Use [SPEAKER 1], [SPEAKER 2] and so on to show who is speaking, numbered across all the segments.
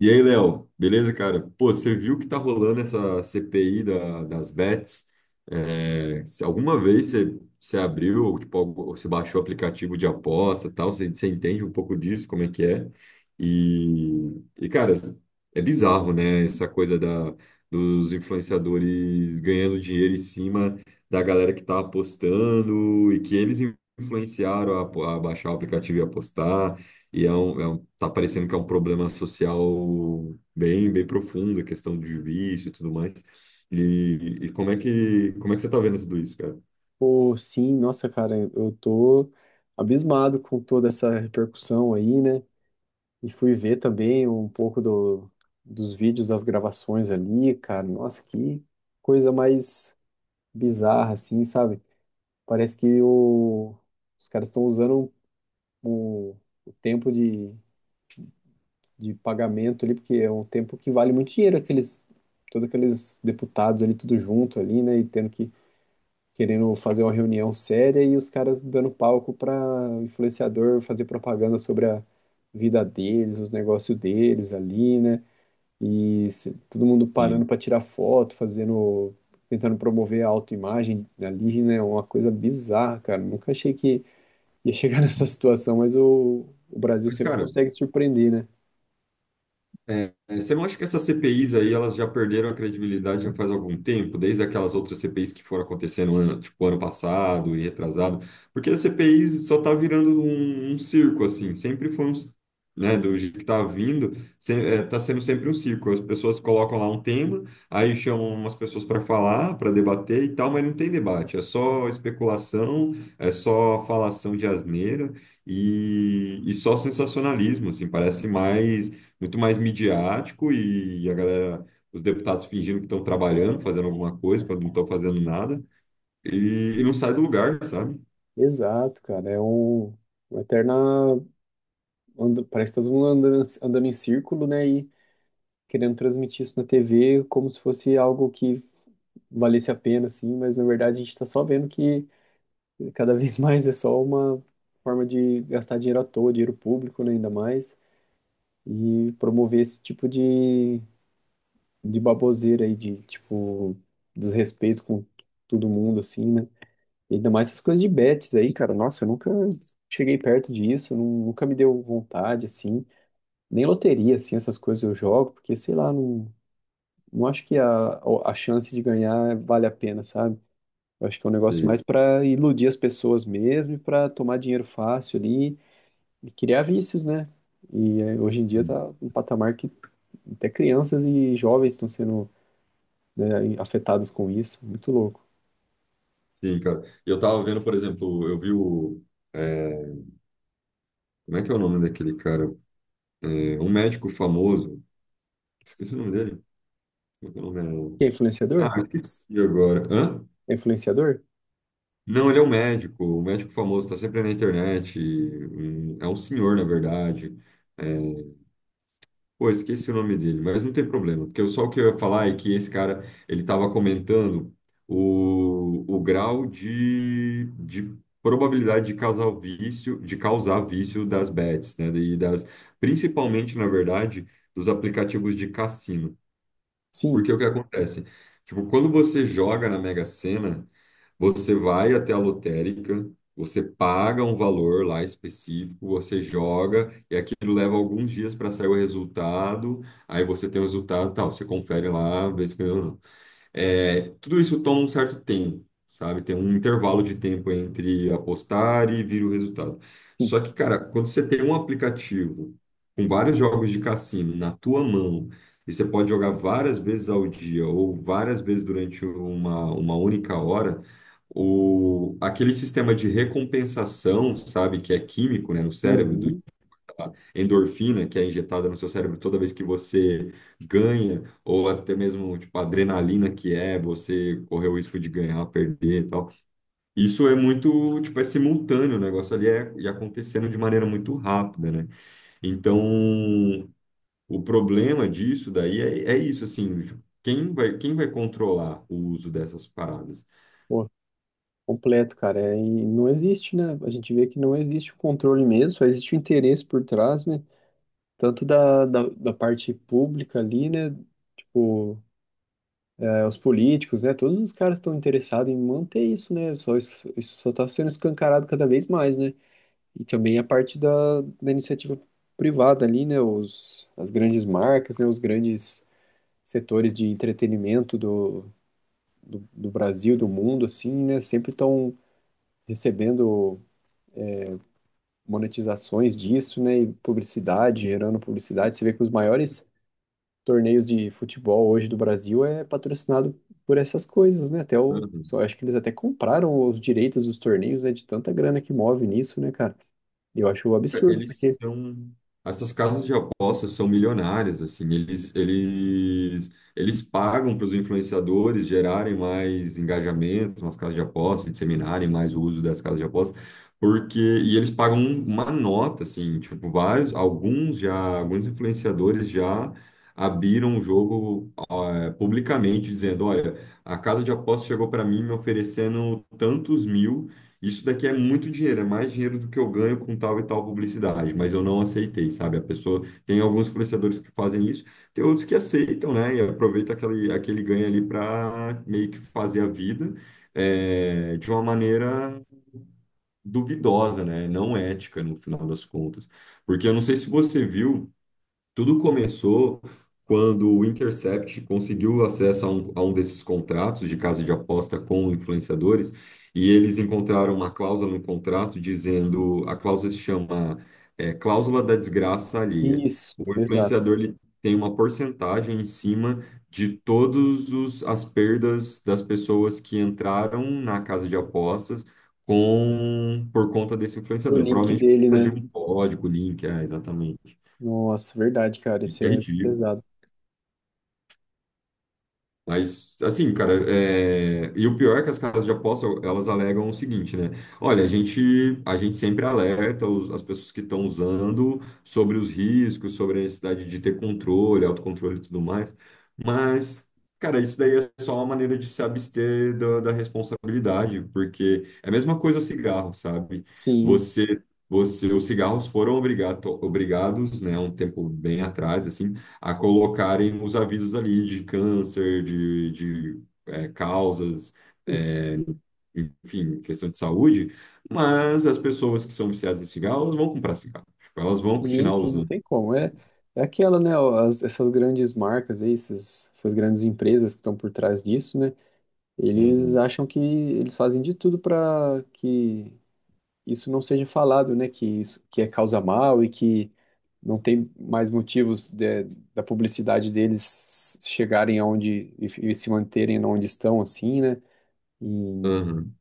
[SPEAKER 1] E aí, Léo, beleza, cara? Pô, você viu que tá rolando essa das bets? Se alguma vez você, você abriu, ou, tipo, ou você baixou o aplicativo de aposta e tal, você entende um pouco disso, como é que é? Cara, é bizarro, né? Dos influenciadores ganhando dinheiro em cima da galera que tá apostando e que eles influenciaram a, a baixar o aplicativo e apostar. E é, tá parecendo que é um problema social bem profundo, a questão de vício e tudo mais. E como é que você tá vendo tudo isso, cara?
[SPEAKER 2] Pô, sim, nossa, cara, eu tô abismado com toda essa repercussão aí, né? E fui ver também um pouco dos vídeos das gravações ali, cara. Nossa, que coisa mais bizarra, assim, sabe? Parece que os caras estão usando o, o tempo de pagamento ali, porque é um tempo que vale muito dinheiro, aqueles, todos aqueles deputados ali, tudo junto ali, né? E tendo que querendo fazer uma reunião séria e os caras dando palco para influenciador fazer propaganda sobre a vida deles, os negócios deles ali, né? E todo mundo parando
[SPEAKER 1] Sim.
[SPEAKER 2] para tirar foto, fazendo, tentando promover a autoimagem ali, né? Uma coisa bizarra, cara. Nunca achei que ia chegar nessa situação, mas o Brasil
[SPEAKER 1] Mas,
[SPEAKER 2] sempre
[SPEAKER 1] cara,
[SPEAKER 2] consegue surpreender, né?
[SPEAKER 1] é, você não acha que essas CPIs aí, elas já perderam a credibilidade já faz algum tempo, desde aquelas outras CPIs que foram acontecendo, tipo, ano passado e retrasado? Porque as CPIs só tá virando um circo, assim, sempre foi um, né, do jeito que tá vindo, se, é, tá sendo sempre um circo. As pessoas colocam lá um tema, aí chamam umas pessoas para falar, para debater e tal, mas não tem debate, é só especulação, é só falação de asneira e só sensacionalismo, assim, parece mais muito mais midiático e a galera, os deputados fingindo que estão trabalhando, fazendo alguma coisa, quando não estão fazendo nada, e não sai do lugar, sabe?
[SPEAKER 2] Exato, cara. É uma eterna. Parece que tá todo mundo andando, andando em círculo, né? E querendo transmitir isso na TV como se fosse algo que valesse a pena, assim, mas na verdade a gente está só vendo que cada vez mais é só uma forma de gastar dinheiro à toa, dinheiro público, né, ainda mais, e promover esse tipo de baboseira aí, de, tipo, desrespeito com todo mundo, assim, né? E ainda mais essas coisas de bets aí, cara, nossa, eu nunca cheguei perto disso, nunca me deu vontade, assim, nem loteria, assim, essas coisas eu jogo, porque, sei lá, não. Não acho que a chance de ganhar vale a pena, sabe? Eu acho que é um negócio
[SPEAKER 1] E-
[SPEAKER 2] mais para iludir as pessoas mesmo e para tomar dinheiro fácil ali e criar vícios, né? E hoje em dia tá um patamar que até crianças e jovens estão sendo, né, afetados com isso. Muito louco.
[SPEAKER 1] sim, cara. Eu tava vendo, por exemplo, eu vi o. é, como é que é o nome daquele cara? É, um médico famoso. Esqueci o nome dele. Como é que é o nome?
[SPEAKER 2] E é
[SPEAKER 1] Ah,
[SPEAKER 2] influenciador?
[SPEAKER 1] esqueci agora. Hã?
[SPEAKER 2] É influenciador?
[SPEAKER 1] Não, ele é um médico famoso, está sempre na internet. É um senhor, na verdade. É, Pô, esqueci o nome dele, mas não tem problema, porque só o que eu ia falar é que esse cara, ele estava comentando o grau de probabilidade de causar o vício, de causar vício das bets, né? E das, principalmente, na verdade, dos aplicativos de cassino.
[SPEAKER 2] Sim,
[SPEAKER 1] Porque o que acontece? Tipo, quando você joga na Mega Sena, você vai até a lotérica, você paga um valor lá específico, você joga, leva alguns dias para sair o resultado, aí você tem o resultado, tal, você confere lá, vê se ganhou ou não. É, tudo isso toma um certo tempo, sabe? Tem um intervalo de tempo entre apostar e vir o resultado.
[SPEAKER 2] sim.
[SPEAKER 1] Só que, cara, quando você tem um aplicativo com vários jogos de cassino na tua mão, e você pode jogar várias vezes ao dia ou várias vezes durante uma única hora, aquele sistema de recompensação, sabe, que é químico, né, no cérebro,
[SPEAKER 2] Uhum.
[SPEAKER 1] endorfina que é injetada no seu cérebro toda vez que você ganha, ou até mesmo tipo a adrenalina que é você correr o risco de ganhar, perder e tal. Isso é muito, tipo, é simultâneo, o negócio ali é, e acontecendo de maneira muito rápida, né? Então, o problema disso daí é isso, assim, tipo, quem vai controlar o uso dessas paradas?
[SPEAKER 2] Pô, completo, cara. É, e não existe, né? A gente vê que não existe o controle mesmo, só existe o interesse por trás, né? Tanto da parte pública ali, né? Tipo, é, os políticos, né? Todos os caras estão interessados em manter isso, né? Só isso, isso só está sendo escancarado cada vez mais, né? E também a parte da iniciativa privada ali, né? As grandes marcas, né? Os grandes setores de entretenimento do Brasil, do mundo, assim, né? Sempre estão recebendo monetizações disso, né? E publicidade, gerando publicidade. Você vê que os maiores torneios de futebol hoje do Brasil é patrocinado por essas coisas, né? Até o, só acho que eles até compraram os direitos dos torneios, né? De tanta grana que move nisso, né, cara? Eu acho um absurdo,
[SPEAKER 1] Eles
[SPEAKER 2] porque.
[SPEAKER 1] são. Essas casas de apostas são milionárias, assim, eles pagam para os influenciadores gerarem mais engajamentos nas casas de apostas, disseminarem mais o uso das casas de apostas, porque, e eles pagam uma nota, assim, tipo, alguns influenciadores já abriram o jogo, ah, publicamente, dizendo, olha, a casa de apostas chegou para mim me oferecendo tantos mil, isso daqui é muito dinheiro, é mais dinheiro do que eu ganho com tal e tal publicidade, mas eu não aceitei, sabe? A pessoa, tem alguns influenciadores que fazem isso, tem outros que aceitam, né? E aproveita aquele ganho ali para meio que fazer a vida, é, de uma maneira duvidosa, né? Não ética no final das contas. Porque eu não sei se você viu. Tudo começou quando o Intercept conseguiu acesso a um desses contratos de casa de aposta com influenciadores e eles encontraram uma cláusula no contrato dizendo, a cláusula se chama, é, cláusula da desgraça alheia.
[SPEAKER 2] Isso,
[SPEAKER 1] O
[SPEAKER 2] exato.
[SPEAKER 1] influenciador ele tem uma porcentagem em cima de todos as perdas das pessoas que entraram na casa de apostas com por conta desse
[SPEAKER 2] Do
[SPEAKER 1] influenciador,
[SPEAKER 2] link
[SPEAKER 1] provavelmente por
[SPEAKER 2] dele,
[SPEAKER 1] conta de
[SPEAKER 2] né?
[SPEAKER 1] um código, link, é, exatamente.
[SPEAKER 2] Nossa, verdade, cara,
[SPEAKER 1] E
[SPEAKER 2] isso
[SPEAKER 1] que é
[SPEAKER 2] é
[SPEAKER 1] ridículo.
[SPEAKER 2] pesado.
[SPEAKER 1] Mas, assim, cara, é... e o pior é que as casas de aposta, elas alegam o seguinte, né? Olha, a gente sempre alerta as pessoas que estão usando sobre os riscos, sobre a necessidade de ter controle, autocontrole e tudo mais. Mas, cara, isso daí é só uma maneira de se abster da responsabilidade, porque é a mesma coisa o cigarro, sabe?
[SPEAKER 2] Sim,
[SPEAKER 1] Os cigarros foram obrigados, né, há um tempo bem atrás, assim, a colocarem os avisos ali de câncer, causas,
[SPEAKER 2] isso.
[SPEAKER 1] é, enfim, questão de saúde, mas as pessoas que são viciadas em cigarro, elas vão comprar cigarro. Tipo, elas vão
[SPEAKER 2] Sim,
[SPEAKER 1] continuar
[SPEAKER 2] sim, não
[SPEAKER 1] usando.
[SPEAKER 2] tem como. É,
[SPEAKER 1] Sabe?
[SPEAKER 2] é aquela, né? Ó, as- essas grandes marcas aí, essas, essas grandes empresas que estão por trás disso, né? Eles
[SPEAKER 1] Uhum,
[SPEAKER 2] acham que eles fazem de tudo para que isso não seja falado, né? Que isso que é causa mal e que não tem mais motivos da publicidade deles chegarem aonde e se manterem onde estão, assim, né? Em
[SPEAKER 1] uhum,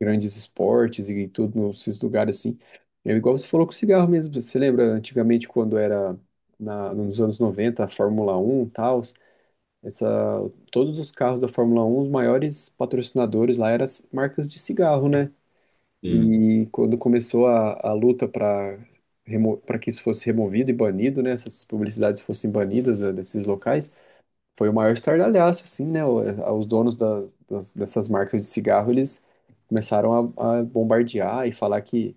[SPEAKER 2] grandes esportes e tudo nesses lugares assim. É igual você falou com o cigarro mesmo. Você lembra antigamente quando era na, nos anos 90, a Fórmula 1, e tal, essa, todos os carros da Fórmula 1, os maiores patrocinadores lá eram as marcas de cigarro, né?
[SPEAKER 1] sim,
[SPEAKER 2] E quando começou a luta para que isso fosse removido e banido, né, essas publicidades fossem banidas né, desses locais, foi o maior estardalhaço, assim, né? Os donos dessas marcas de cigarro, eles começaram a bombardear e falar que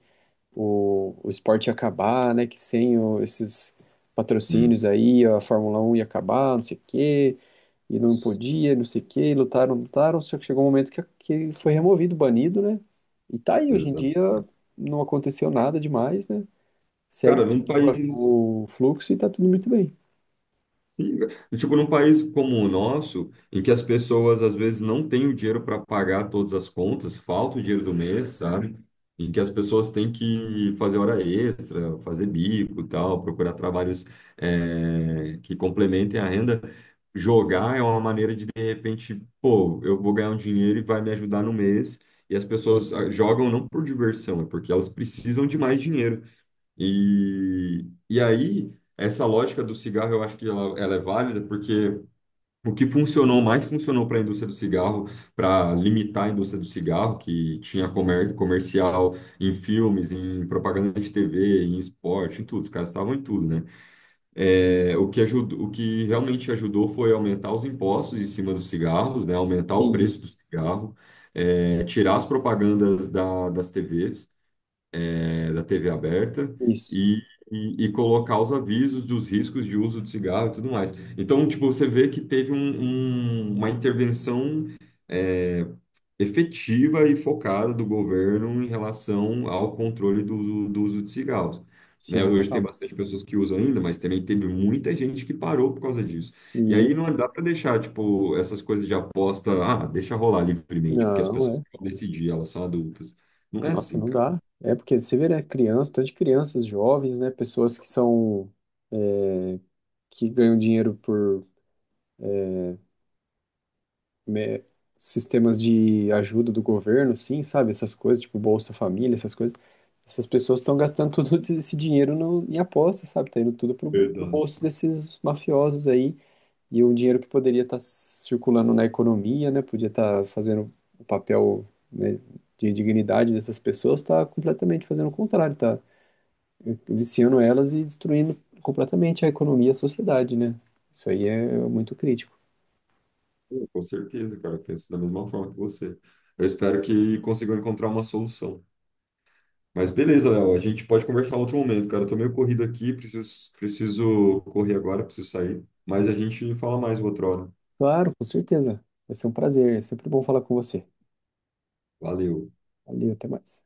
[SPEAKER 2] o esporte ia acabar, né? Que sem o- esses
[SPEAKER 1] sim.
[SPEAKER 2] patrocínios aí, a Fórmula 1 ia acabar, não sei o quê, e não podia, não sei o quê, e lutaram, lutaram, só que chegou um momento que foi removido, banido, né? E tá aí, hoje em
[SPEAKER 1] Exato.
[SPEAKER 2] dia não aconteceu nada demais, né?
[SPEAKER 1] Cara, não
[SPEAKER 2] Seguiu a-
[SPEAKER 1] faz.
[SPEAKER 2] o fluxo e tá tudo muito bem.
[SPEAKER 1] Sim, e, tipo, num país como o nosso, em que as pessoas às vezes não têm o dinheiro para pagar todas as contas, falta o dinheiro do mês, sabe? Em que as pessoas têm que fazer hora extra, fazer bico e tal, procurar trabalhos, eh, que complementem a renda. Jogar é uma maneira de repente, pô, eu vou ganhar um dinheiro e vai me ajudar no mês. E as pessoas ah, jogam não por diversão, é porque elas precisam de mais dinheiro. E aí, essa lógica do cigarro, eu acho que ela é válida, porque o que funcionou, mais funcionou para a indústria do cigarro, para limitar a indústria do cigarro, que tinha comercial em filmes, em propaganda de TV, em esporte, em tudo, os caras estavam em tudo, né? É, o que ajudou, o que realmente ajudou foi aumentar os impostos em cima dos cigarros, né? Aumentar o
[SPEAKER 2] Sim,
[SPEAKER 1] preço do cigarro, é, tirar as propagandas das TVs, é, da TV aberta
[SPEAKER 2] isso.
[SPEAKER 1] e, e colocar os avisos dos riscos de uso de cigarro e tudo mais. Então, tipo, você vê que teve uma intervenção, é, efetiva e focada do governo em relação ao controle do, do uso de cigarros. Né?
[SPEAKER 2] Sim,
[SPEAKER 1] Hoje tem
[SPEAKER 2] total.
[SPEAKER 1] bastante pessoas que usam ainda, mas também teve muita gente que parou por causa disso. E aí
[SPEAKER 2] Isso.
[SPEAKER 1] não dá para deixar, tipo, essas coisas de aposta, ah, deixa rolar livremente, porque as
[SPEAKER 2] Não,
[SPEAKER 1] pessoas
[SPEAKER 2] é.
[SPEAKER 1] que vão decidir, elas são adultas. Não é
[SPEAKER 2] Nossa,
[SPEAKER 1] assim,
[SPEAKER 2] não
[SPEAKER 1] cara.
[SPEAKER 2] dá. É porque você vê, né? Criança, tanto de crianças, jovens, né? Pessoas que são é, que ganham dinheiro por me- sistemas de ajuda do governo, sim, sabe? Essas coisas, tipo Bolsa Família, essas coisas. Essas pessoas estão gastando todo esse dinheiro no, em aposta, sabe? Tá indo tudo pro
[SPEAKER 1] Exato.
[SPEAKER 2] bolso desses mafiosos aí. E o dinheiro que poderia estar circulando na economia, né? Podia estar fazendo o papel, né, de dignidade dessas pessoas, está completamente fazendo o contrário, tá viciando elas e destruindo completamente a economia e a sociedade, né? Isso aí é muito crítico.
[SPEAKER 1] Pô, com certeza, cara, eu penso da mesma forma que você. Eu espero que consigam encontrar uma solução. Mas beleza, Léo, a gente pode conversar em outro momento, cara. Eu tô meio corrido aqui, preciso correr agora, preciso sair. Mas a gente fala mais outra hora.
[SPEAKER 2] Claro, com certeza. Vai ser um prazer. É sempre bom falar com você.
[SPEAKER 1] Valeu.
[SPEAKER 2] Valeu, até mais.